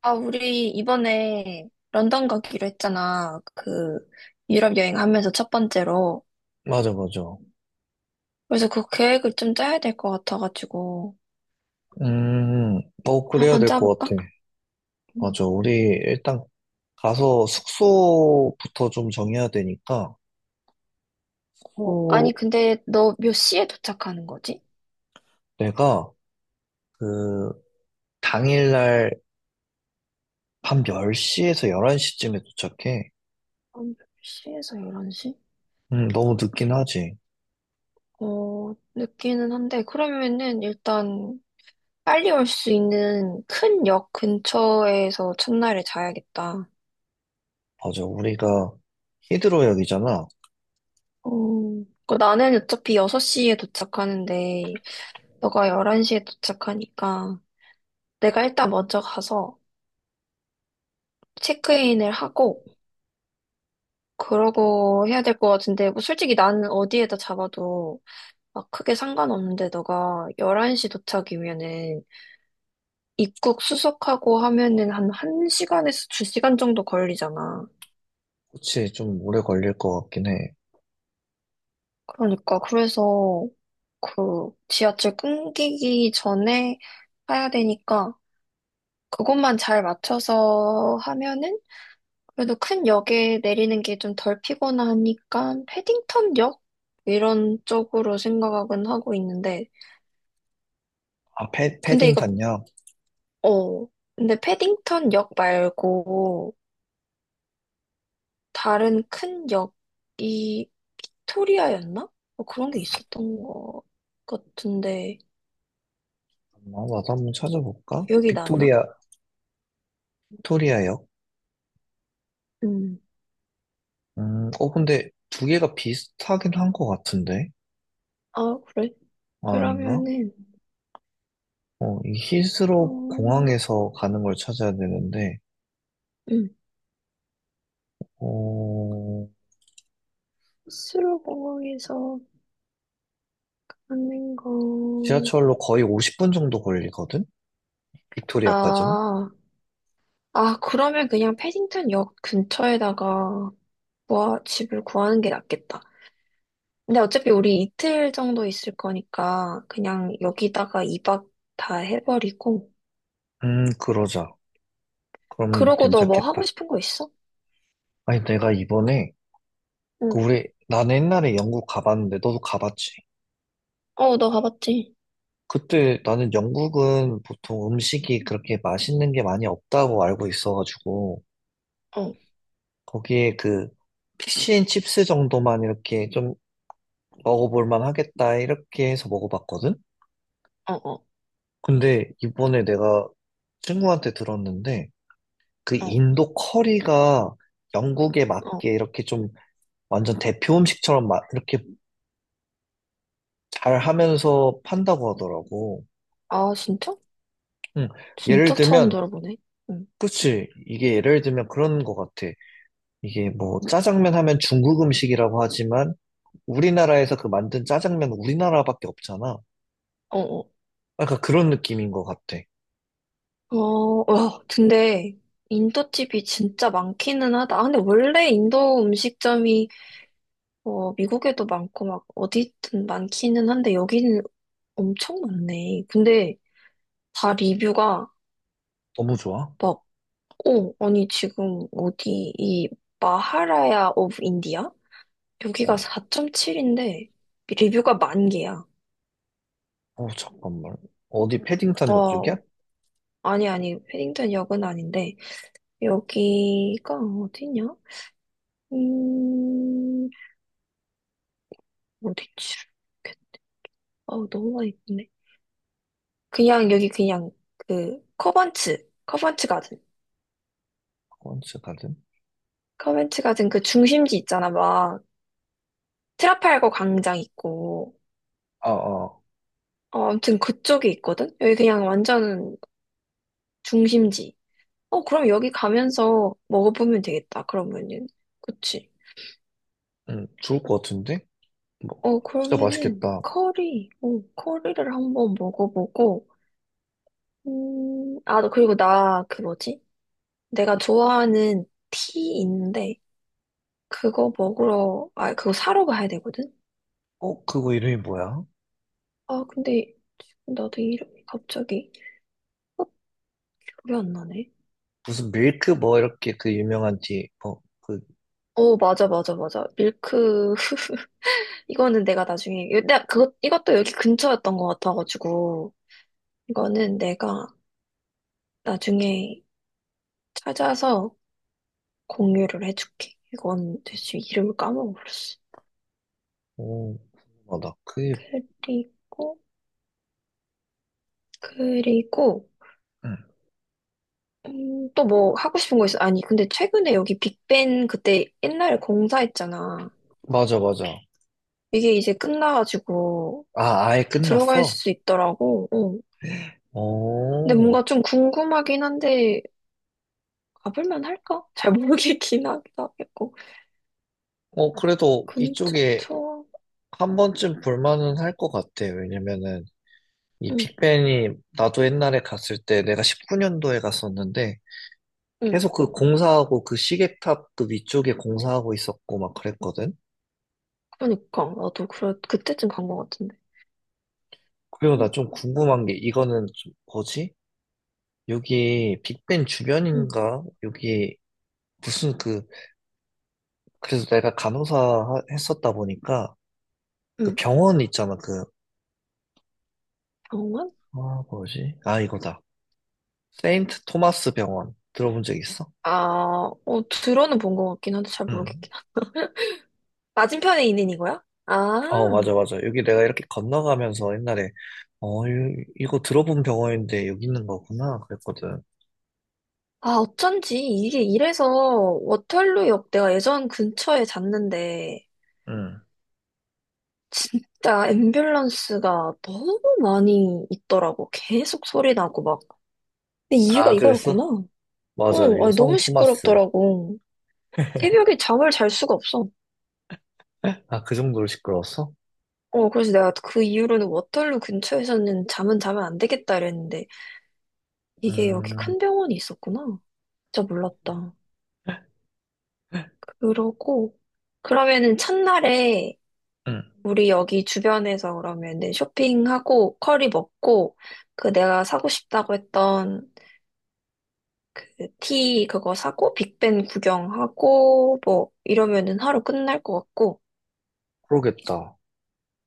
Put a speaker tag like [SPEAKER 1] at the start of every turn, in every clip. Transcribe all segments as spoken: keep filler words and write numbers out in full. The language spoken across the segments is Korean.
[SPEAKER 1] 아, 우리 이번에 런던 가기로 했잖아. 그 유럽 여행 하면서 첫 번째로.
[SPEAKER 2] 맞아, 맞아.
[SPEAKER 1] 그래서 그 계획을 좀 짜야 될 것 같아가지고.
[SPEAKER 2] 음, 어, 그래야
[SPEAKER 1] 한번
[SPEAKER 2] 될 것
[SPEAKER 1] 짜볼까?
[SPEAKER 2] 같아.
[SPEAKER 1] 음.
[SPEAKER 2] 맞아. 우리 일단 가서 숙소부터 좀 정해야 되니까,
[SPEAKER 1] 어, 아니,
[SPEAKER 2] 숙소
[SPEAKER 1] 근데 너 몇 시에 도착하는 거지?
[SPEAKER 2] 내가 그 당일날 밤 열 시에서 열한 시쯤에 도착해.
[SPEAKER 1] 한1시에서 열한 시?
[SPEAKER 2] 음, 너무 늦긴 하지.
[SPEAKER 1] 어, 늦기는 한데, 그러면은 일단 빨리 올 수 있는 큰 역 근처에서 첫날에 자야겠다.
[SPEAKER 2] 맞아. 우리가 히드로역이잖아.
[SPEAKER 1] 어, 그 나는 어차피 여섯 시에 도착하는데, 너가 열한 시에 도착하니까 내가 일단 먼저 가서 체크인을 하고 그러고 해야 될 것 같은데 뭐 솔직히 나는 어디에다 잡아도 막 크게 상관없는데 너가 열한 시 도착이면은 입국 수속하고 하면은 한 1시간에서 두 시간 정도 걸리잖아.
[SPEAKER 2] 그치, 좀 오래 걸릴 것 같긴 해.
[SPEAKER 1] 그러니까 그래서 그 지하철 끊기기 전에 해야 되니까 그것만 잘 맞춰서 하면은 그래도 큰 역에 내리는 게 좀 덜 피곤하니까 패딩턴 역? 이런 쪽으로 생각은 하고 있는데
[SPEAKER 2] 아, 패,
[SPEAKER 1] 근데
[SPEAKER 2] 패딩
[SPEAKER 1] 이거
[SPEAKER 2] 샀냐?
[SPEAKER 1] 어 근데 패딩턴 역 말고 다른 큰 역이 빅토리아였나? 뭐 그런 게 있었던 것 같은데
[SPEAKER 2] 아, 나도 한번 찾아볼까?
[SPEAKER 1] 기억이 나나?
[SPEAKER 2] 빅토리아, 빅토리아역?
[SPEAKER 1] 음.
[SPEAKER 2] 음, 어, 근데 두 개가 비슷하긴 한 것 같은데?
[SPEAKER 1] 아 그래?
[SPEAKER 2] 아, 아닌가?
[SPEAKER 1] 그러면은
[SPEAKER 2] 어, 이 히스로
[SPEAKER 1] 어,
[SPEAKER 2] 공항에서 가는 걸 찾아야 되는데,
[SPEAKER 1] 음.
[SPEAKER 2] 어,
[SPEAKER 1] 스스로 공항에서 하는 거
[SPEAKER 2] 지하철로 거의 오십 분 정도 걸리거든? 빅토리아까지는?
[SPEAKER 1] 아. 아, 그러면 그냥 패딩턴 역 근처에다가 뭐 집을 구하는 게 낫겠다. 근데 어차피 우리 이틀 정도 있을 거니까 그냥 여기다가 이 박 다 해버리고.
[SPEAKER 2] 음, 그러자. 그럼
[SPEAKER 1] 그러고 너 뭐 하고
[SPEAKER 2] 괜찮겠다.
[SPEAKER 1] 싶은 거 있어?
[SPEAKER 2] 아니, 내가 이번에,
[SPEAKER 1] 응.
[SPEAKER 2] 그 우리, 나는 옛날에 영국 가봤는데, 너도 가봤지?
[SPEAKER 1] 어, 너 가봤지?
[SPEAKER 2] 그때 나는 영국은 보통 음식이 그렇게 맛있는 게 많이 없다고 알고 있어가지고,
[SPEAKER 1] 어,
[SPEAKER 2] 거기에 그, 피시앤칩스 정도만 이렇게 좀 먹어볼 만 하겠다, 이렇게 해서 먹어봤거든?
[SPEAKER 1] 어, 어,
[SPEAKER 2] 근데 이번에 내가 친구한테 들었는데 그
[SPEAKER 1] 어,
[SPEAKER 2] 인도 커리가 영국에
[SPEAKER 1] 어.
[SPEAKER 2] 맞게 이렇게 좀 완전 대표 음식처럼 마- 이렇게 잘 하면서 판다고 하더라고.
[SPEAKER 1] 아, 진짜?
[SPEAKER 2] 응. 예를
[SPEAKER 1] 진짜 처음
[SPEAKER 2] 들면,
[SPEAKER 1] 들어보네. 응.
[SPEAKER 2] 그치. 이게 예를 들면 그런 것 같아. 이게 뭐 짜장면 하면 중국 음식이라고 하지만 우리나라에서 그 만든 짜장면 우리나라밖에 없잖아.
[SPEAKER 1] 어, 어.
[SPEAKER 2] 약간 그런 느낌인 것 같아.
[SPEAKER 1] 어, 와, 근데 인도집이 진짜 많기는 하다. 아, 근데 원래 인도 음식점이 어, 미국에도 많고 막 어디든 많기는 한데 여기는 엄청 많네. 근데 다 리뷰가
[SPEAKER 2] 너무 좋아.
[SPEAKER 1] 막, 오 아니 지금 어디 이 마하라야 오브 인디아? 여기가
[SPEAKER 2] 어,
[SPEAKER 1] 사 점 칠인데 리뷰가 만 개야.
[SPEAKER 2] 어 잠깐만. 어디 패딩턴 역쪽이야?
[SPEAKER 1] 어, 아니 아니 패딩턴 역은 아닌데 여기가 어디냐? 음, 어디지? 어, 너무 많이 있네. 그냥 여기 그냥 그 커번츠, 커번츠 가든.
[SPEAKER 2] 콘츠 가든?
[SPEAKER 1] 커벤츠 가든 그 중심지 있잖아, 막 트라팔거 광장 있고,
[SPEAKER 2] 아, 아.
[SPEAKER 1] 어, 아무튼 그쪽에 있거든? 여기 그냥 완전 중심지. 어, 그럼 여기 가면서 먹어보면 되겠다, 그러면은. 그치?
[SPEAKER 2] 응, 좋을 것 같은데? 뭐,
[SPEAKER 1] 어,
[SPEAKER 2] 진짜
[SPEAKER 1] 그러면은
[SPEAKER 2] 맛있겠다.
[SPEAKER 1] 커리, 어, 커리를 한번 먹어보고, 음, 아, 너 그리고 나 그 뭐지? 내가 좋아하는 티 있는데, 그거 먹으러, 아, 그거 사러 가야 되거든?
[SPEAKER 2] 어, 그거 이름이 뭐야?
[SPEAKER 1] 아, 근데 지금 나도 이름이 갑자기 기억이 안 나네.
[SPEAKER 2] 무슨 밀크 뭐 이렇게 그 유명한 티, 어, 그,
[SPEAKER 1] 어, 맞아, 맞아, 맞아. 밀크, 이거는 내가 나중에, 내가 그것, 이것도 여기 근처였던 것 같아가지고, 이거는 내가 나중에 찾아서 공유를 해줄게. 이건 대체 이름을 까먹었어.
[SPEAKER 2] 오, 맞아. 그게,
[SPEAKER 1] 그리고, 그리고,
[SPEAKER 2] 응,
[SPEAKER 1] 음, 또 뭐 하고 싶은 거 있어? 아니, 근데 최근에 여기 빅벤 그때 옛날에 공사했잖아.
[SPEAKER 2] 맞아, 맞아.
[SPEAKER 1] 이게 이제 끝나가지고
[SPEAKER 2] 아, 아예
[SPEAKER 1] 들어갈
[SPEAKER 2] 끝났어?
[SPEAKER 1] 수 있더라고. 어. 근데
[SPEAKER 2] 오,
[SPEAKER 1] 뭔가 좀 궁금하긴 한데, 가볼만 할까? 잘 모르겠긴 하겠고.
[SPEAKER 2] 어, 그래도
[SPEAKER 1] 근처
[SPEAKER 2] 이쪽에
[SPEAKER 1] 투어.
[SPEAKER 2] 한 번쯤 볼만은 할 것 같아. 왜냐면은, 이
[SPEAKER 1] 응,
[SPEAKER 2] 빅벤이 나도 옛날에 갔을 때 내가 십구 년도에 갔었는데,
[SPEAKER 1] 응.
[SPEAKER 2] 계속 그 공사하고 그 시계탑 그 위쪽에 공사하고 있었고 막 그랬거든?
[SPEAKER 1] 그러니까 나도 그래 그때쯤 간 것 같은데.
[SPEAKER 2] 그리고
[SPEAKER 1] 응,
[SPEAKER 2] 나 좀 궁금한 게 이거는 좀 뭐지? 여기 빅벤
[SPEAKER 1] 응,
[SPEAKER 2] 주변인가? 여기 무슨 그 그래서 내가 간호사 하- 했었다 보니까 그
[SPEAKER 1] 응.
[SPEAKER 2] 병원 있잖아 그
[SPEAKER 1] 병원?
[SPEAKER 2] 아 뭐지? 아 이거다. 세인트 토마스 병원 들어본 적 있어?
[SPEAKER 1] 아, 어 들어는 본 것 같긴 한데 잘
[SPEAKER 2] 응.
[SPEAKER 1] 모르겠긴. 하- 맞은편에 있는 이거야?
[SPEAKER 2] 어
[SPEAKER 1] 아,
[SPEAKER 2] 맞아 맞아 여기 내가 이렇게 건너가면서 옛날에 어 이- 이거 들어본 병원인데 여기 있는 거구나 그랬거든.
[SPEAKER 1] 아 어쩐지 이게 이래서 워털루역 내가 예전 근처에 잤는데
[SPEAKER 2] 응.
[SPEAKER 1] 진짜 앰뷸런스가 너무 많이 있더라고. 계속 소리 나고 막. 근데 이유가
[SPEAKER 2] 아 그랬어?
[SPEAKER 1] 이거였구나.
[SPEAKER 2] 맞아
[SPEAKER 1] 응,
[SPEAKER 2] 이거
[SPEAKER 1] 아니, 너무
[SPEAKER 2] 성 토마스.
[SPEAKER 1] 시끄럽더라고. 새벽에 잠을 잘 수가 없어.
[SPEAKER 2] 아 그 정도로 시끄러웠어?
[SPEAKER 1] 어, 그래서 내가 그 이후로는 워털루 근처에서는 잠은 자면 안 되겠다 이랬는데, 이게 여기
[SPEAKER 2] 음.
[SPEAKER 1] 큰 병원이 있었구나. 진짜 몰랐다. 그러고, 그러면은 첫날에
[SPEAKER 2] 응.
[SPEAKER 1] 우리 여기 주변에서 그러면은 쇼핑하고, 커리 먹고, 그 내가 사고 싶다고 했던 그 티 그거 사고, 빅벤 구경하고, 뭐, 이러면은 하루 끝날 것 같고,
[SPEAKER 2] 그러겠다.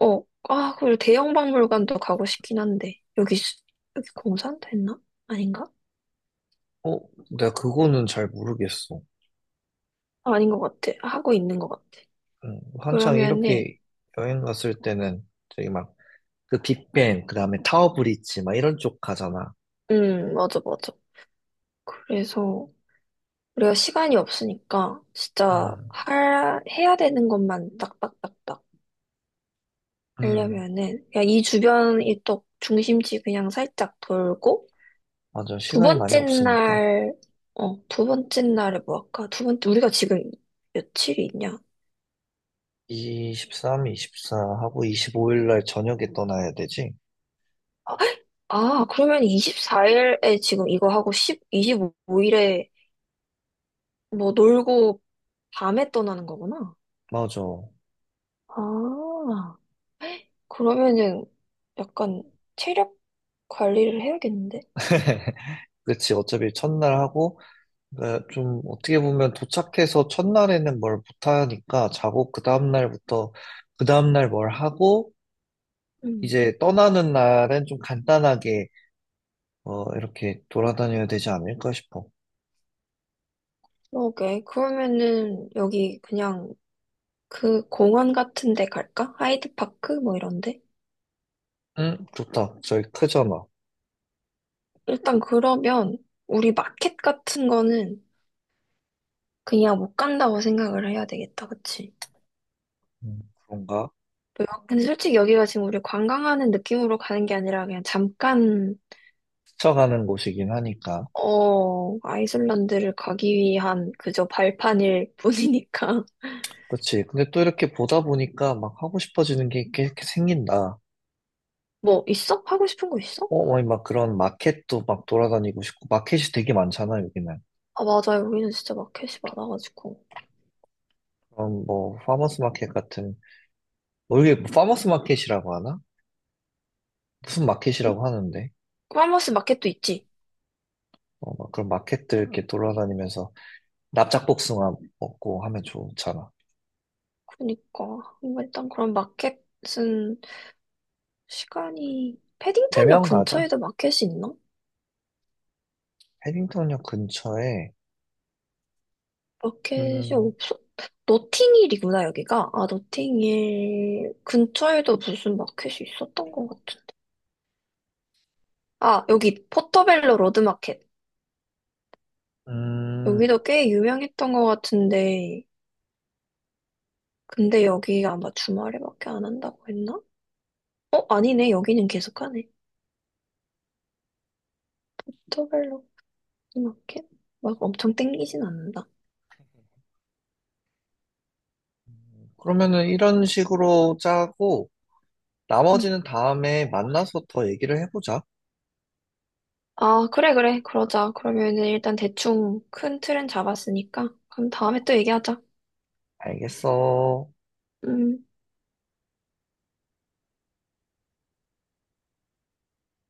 [SPEAKER 1] 어, 아, 그리고 대형 박물관도 가고 싶긴 한데, 여기, 수- 여기 공산됐나? 아닌가?
[SPEAKER 2] 어, 내가 그거는 잘 모르겠어.
[SPEAKER 1] 아, 아닌 것 같아. 하고 있는 것 같아.
[SPEAKER 2] 음, 한창
[SPEAKER 1] 그러면은,
[SPEAKER 2] 이렇게 여행 갔을 때는 저기 막 그 빅뱅, 그 다음에 타워 브릿지 막 이런 쪽 가잖아.
[SPEAKER 1] 음, 맞아, 맞아. 그래서, 우리가 시간이 없으니까, 진짜,
[SPEAKER 2] 음,
[SPEAKER 1] 할, 해야 되는 것만 딱딱딱딱
[SPEAKER 2] 음,
[SPEAKER 1] 하려면은, 그냥 이 주변, 이쪽 중심지 그냥 살짝 돌고,
[SPEAKER 2] 맞아.
[SPEAKER 1] 두
[SPEAKER 2] 시간이 많이
[SPEAKER 1] 번째
[SPEAKER 2] 없으니까.
[SPEAKER 1] 날, 어, 두 번째 날에 뭐 할까? 두 번째, 우리가 지금 며칠이 있냐?
[SPEAKER 2] 이십삼, 이십사 하고 이십오 일 날 저녁에 떠나야 되지?
[SPEAKER 1] 아, 그러면 이십사 일에 지금 이거 하고 십이 이십오 일에 뭐 놀고 밤에 떠나는 거구나.
[SPEAKER 2] 맞아.
[SPEAKER 1] 아, 그러면은 약간 체력 관리를 해야겠는데?
[SPEAKER 2] 그치. 어차피 첫날 하고, 어, 좀 어떻게 보면 도착해서 첫날에는 뭘 못하니까 자고 그 다음날부터 그 다음날 뭘 하고
[SPEAKER 1] 음.
[SPEAKER 2] 이제 떠나는 날엔 좀 간단하게 어, 이렇게 돌아다녀야 되지 않을까 싶어.
[SPEAKER 1] 오케이. 그러면은 여기 그냥 그 공원 같은 데 갈까? 하이드파크? 뭐 이런데?
[SPEAKER 2] 응, 좋다. 저희 크잖아.
[SPEAKER 1] 일단 그러면 우리 마켓 같은 거는 그냥 못 간다고 생각을 해야 되겠다. 그치?
[SPEAKER 2] 음, 그런가?
[SPEAKER 1] 근데 솔직히 여기가 지금 우리 관광하는 느낌으로 가는 게 아니라 그냥 잠깐,
[SPEAKER 2] 스쳐가는 곳이긴 하니까.
[SPEAKER 1] 어, 아이슬란드를 가기 위한 그저 발판일 뿐이니까.
[SPEAKER 2] 그치. 근데 또 이렇게 보다 보니까 막 하고 싶어지는 게 이렇게, 이렇게 생긴다.
[SPEAKER 1] 뭐, 있어? 하고 싶은 거 있어?
[SPEAKER 2] 어, 뭐막 그런 마켓도 막 돌아다니고 싶고, 마켓이 되게 많잖아, 여기는.
[SPEAKER 1] 아, 맞아. 여기는 진짜 마켓이 많아가지고.
[SPEAKER 2] 그럼 뭐, 파머스 마켓 같은, 뭐 이게 뭐 파머스 마켓이라고 하나? 무슨
[SPEAKER 1] 응?
[SPEAKER 2] 마켓이라고 하는데?
[SPEAKER 1] 크바머스 마켓도 있지.
[SPEAKER 2] 어, 막 그런 마켓들 이렇게 돌아다니면서 납작복숭아 먹고 하면 좋잖아.
[SPEAKER 1] 그러니까. 뭔가 일단 그런 마켓은 시간이, 패딩턴역
[SPEAKER 2] 대면 가자.
[SPEAKER 1] 근처에도 마켓이 있나?
[SPEAKER 2] 해빙턴역 근처에,
[SPEAKER 1] 마켓이
[SPEAKER 2] 음,
[SPEAKER 1] 없어? 노팅힐이구나, 여기가. 아, 노팅힐 근처에도 무슨 마켓이 있었던 것 같은데. 아, 여기 포터벨로 로드마켓.
[SPEAKER 2] 음,
[SPEAKER 1] 여기도 꽤 유명했던 것 같은데. 근데 여기 아마 주말에밖에 안 한다고 했나? 어, 아니네. 여기는 계속 하네. 포터벨로 로드마켓? 막 엄청 땡기진 않는다.
[SPEAKER 2] 그러면은 이런 식으로 짜고,
[SPEAKER 1] 응.
[SPEAKER 2] 나머지는 다음에 만나서 더 얘기를 해보자.
[SPEAKER 1] 아, 그래, 그래. 그러자. 그러면 일단 대충 큰 틀은 잡았으니까. 그럼 다음에 또 얘기하자.
[SPEAKER 2] 알겠어.
[SPEAKER 1] 음.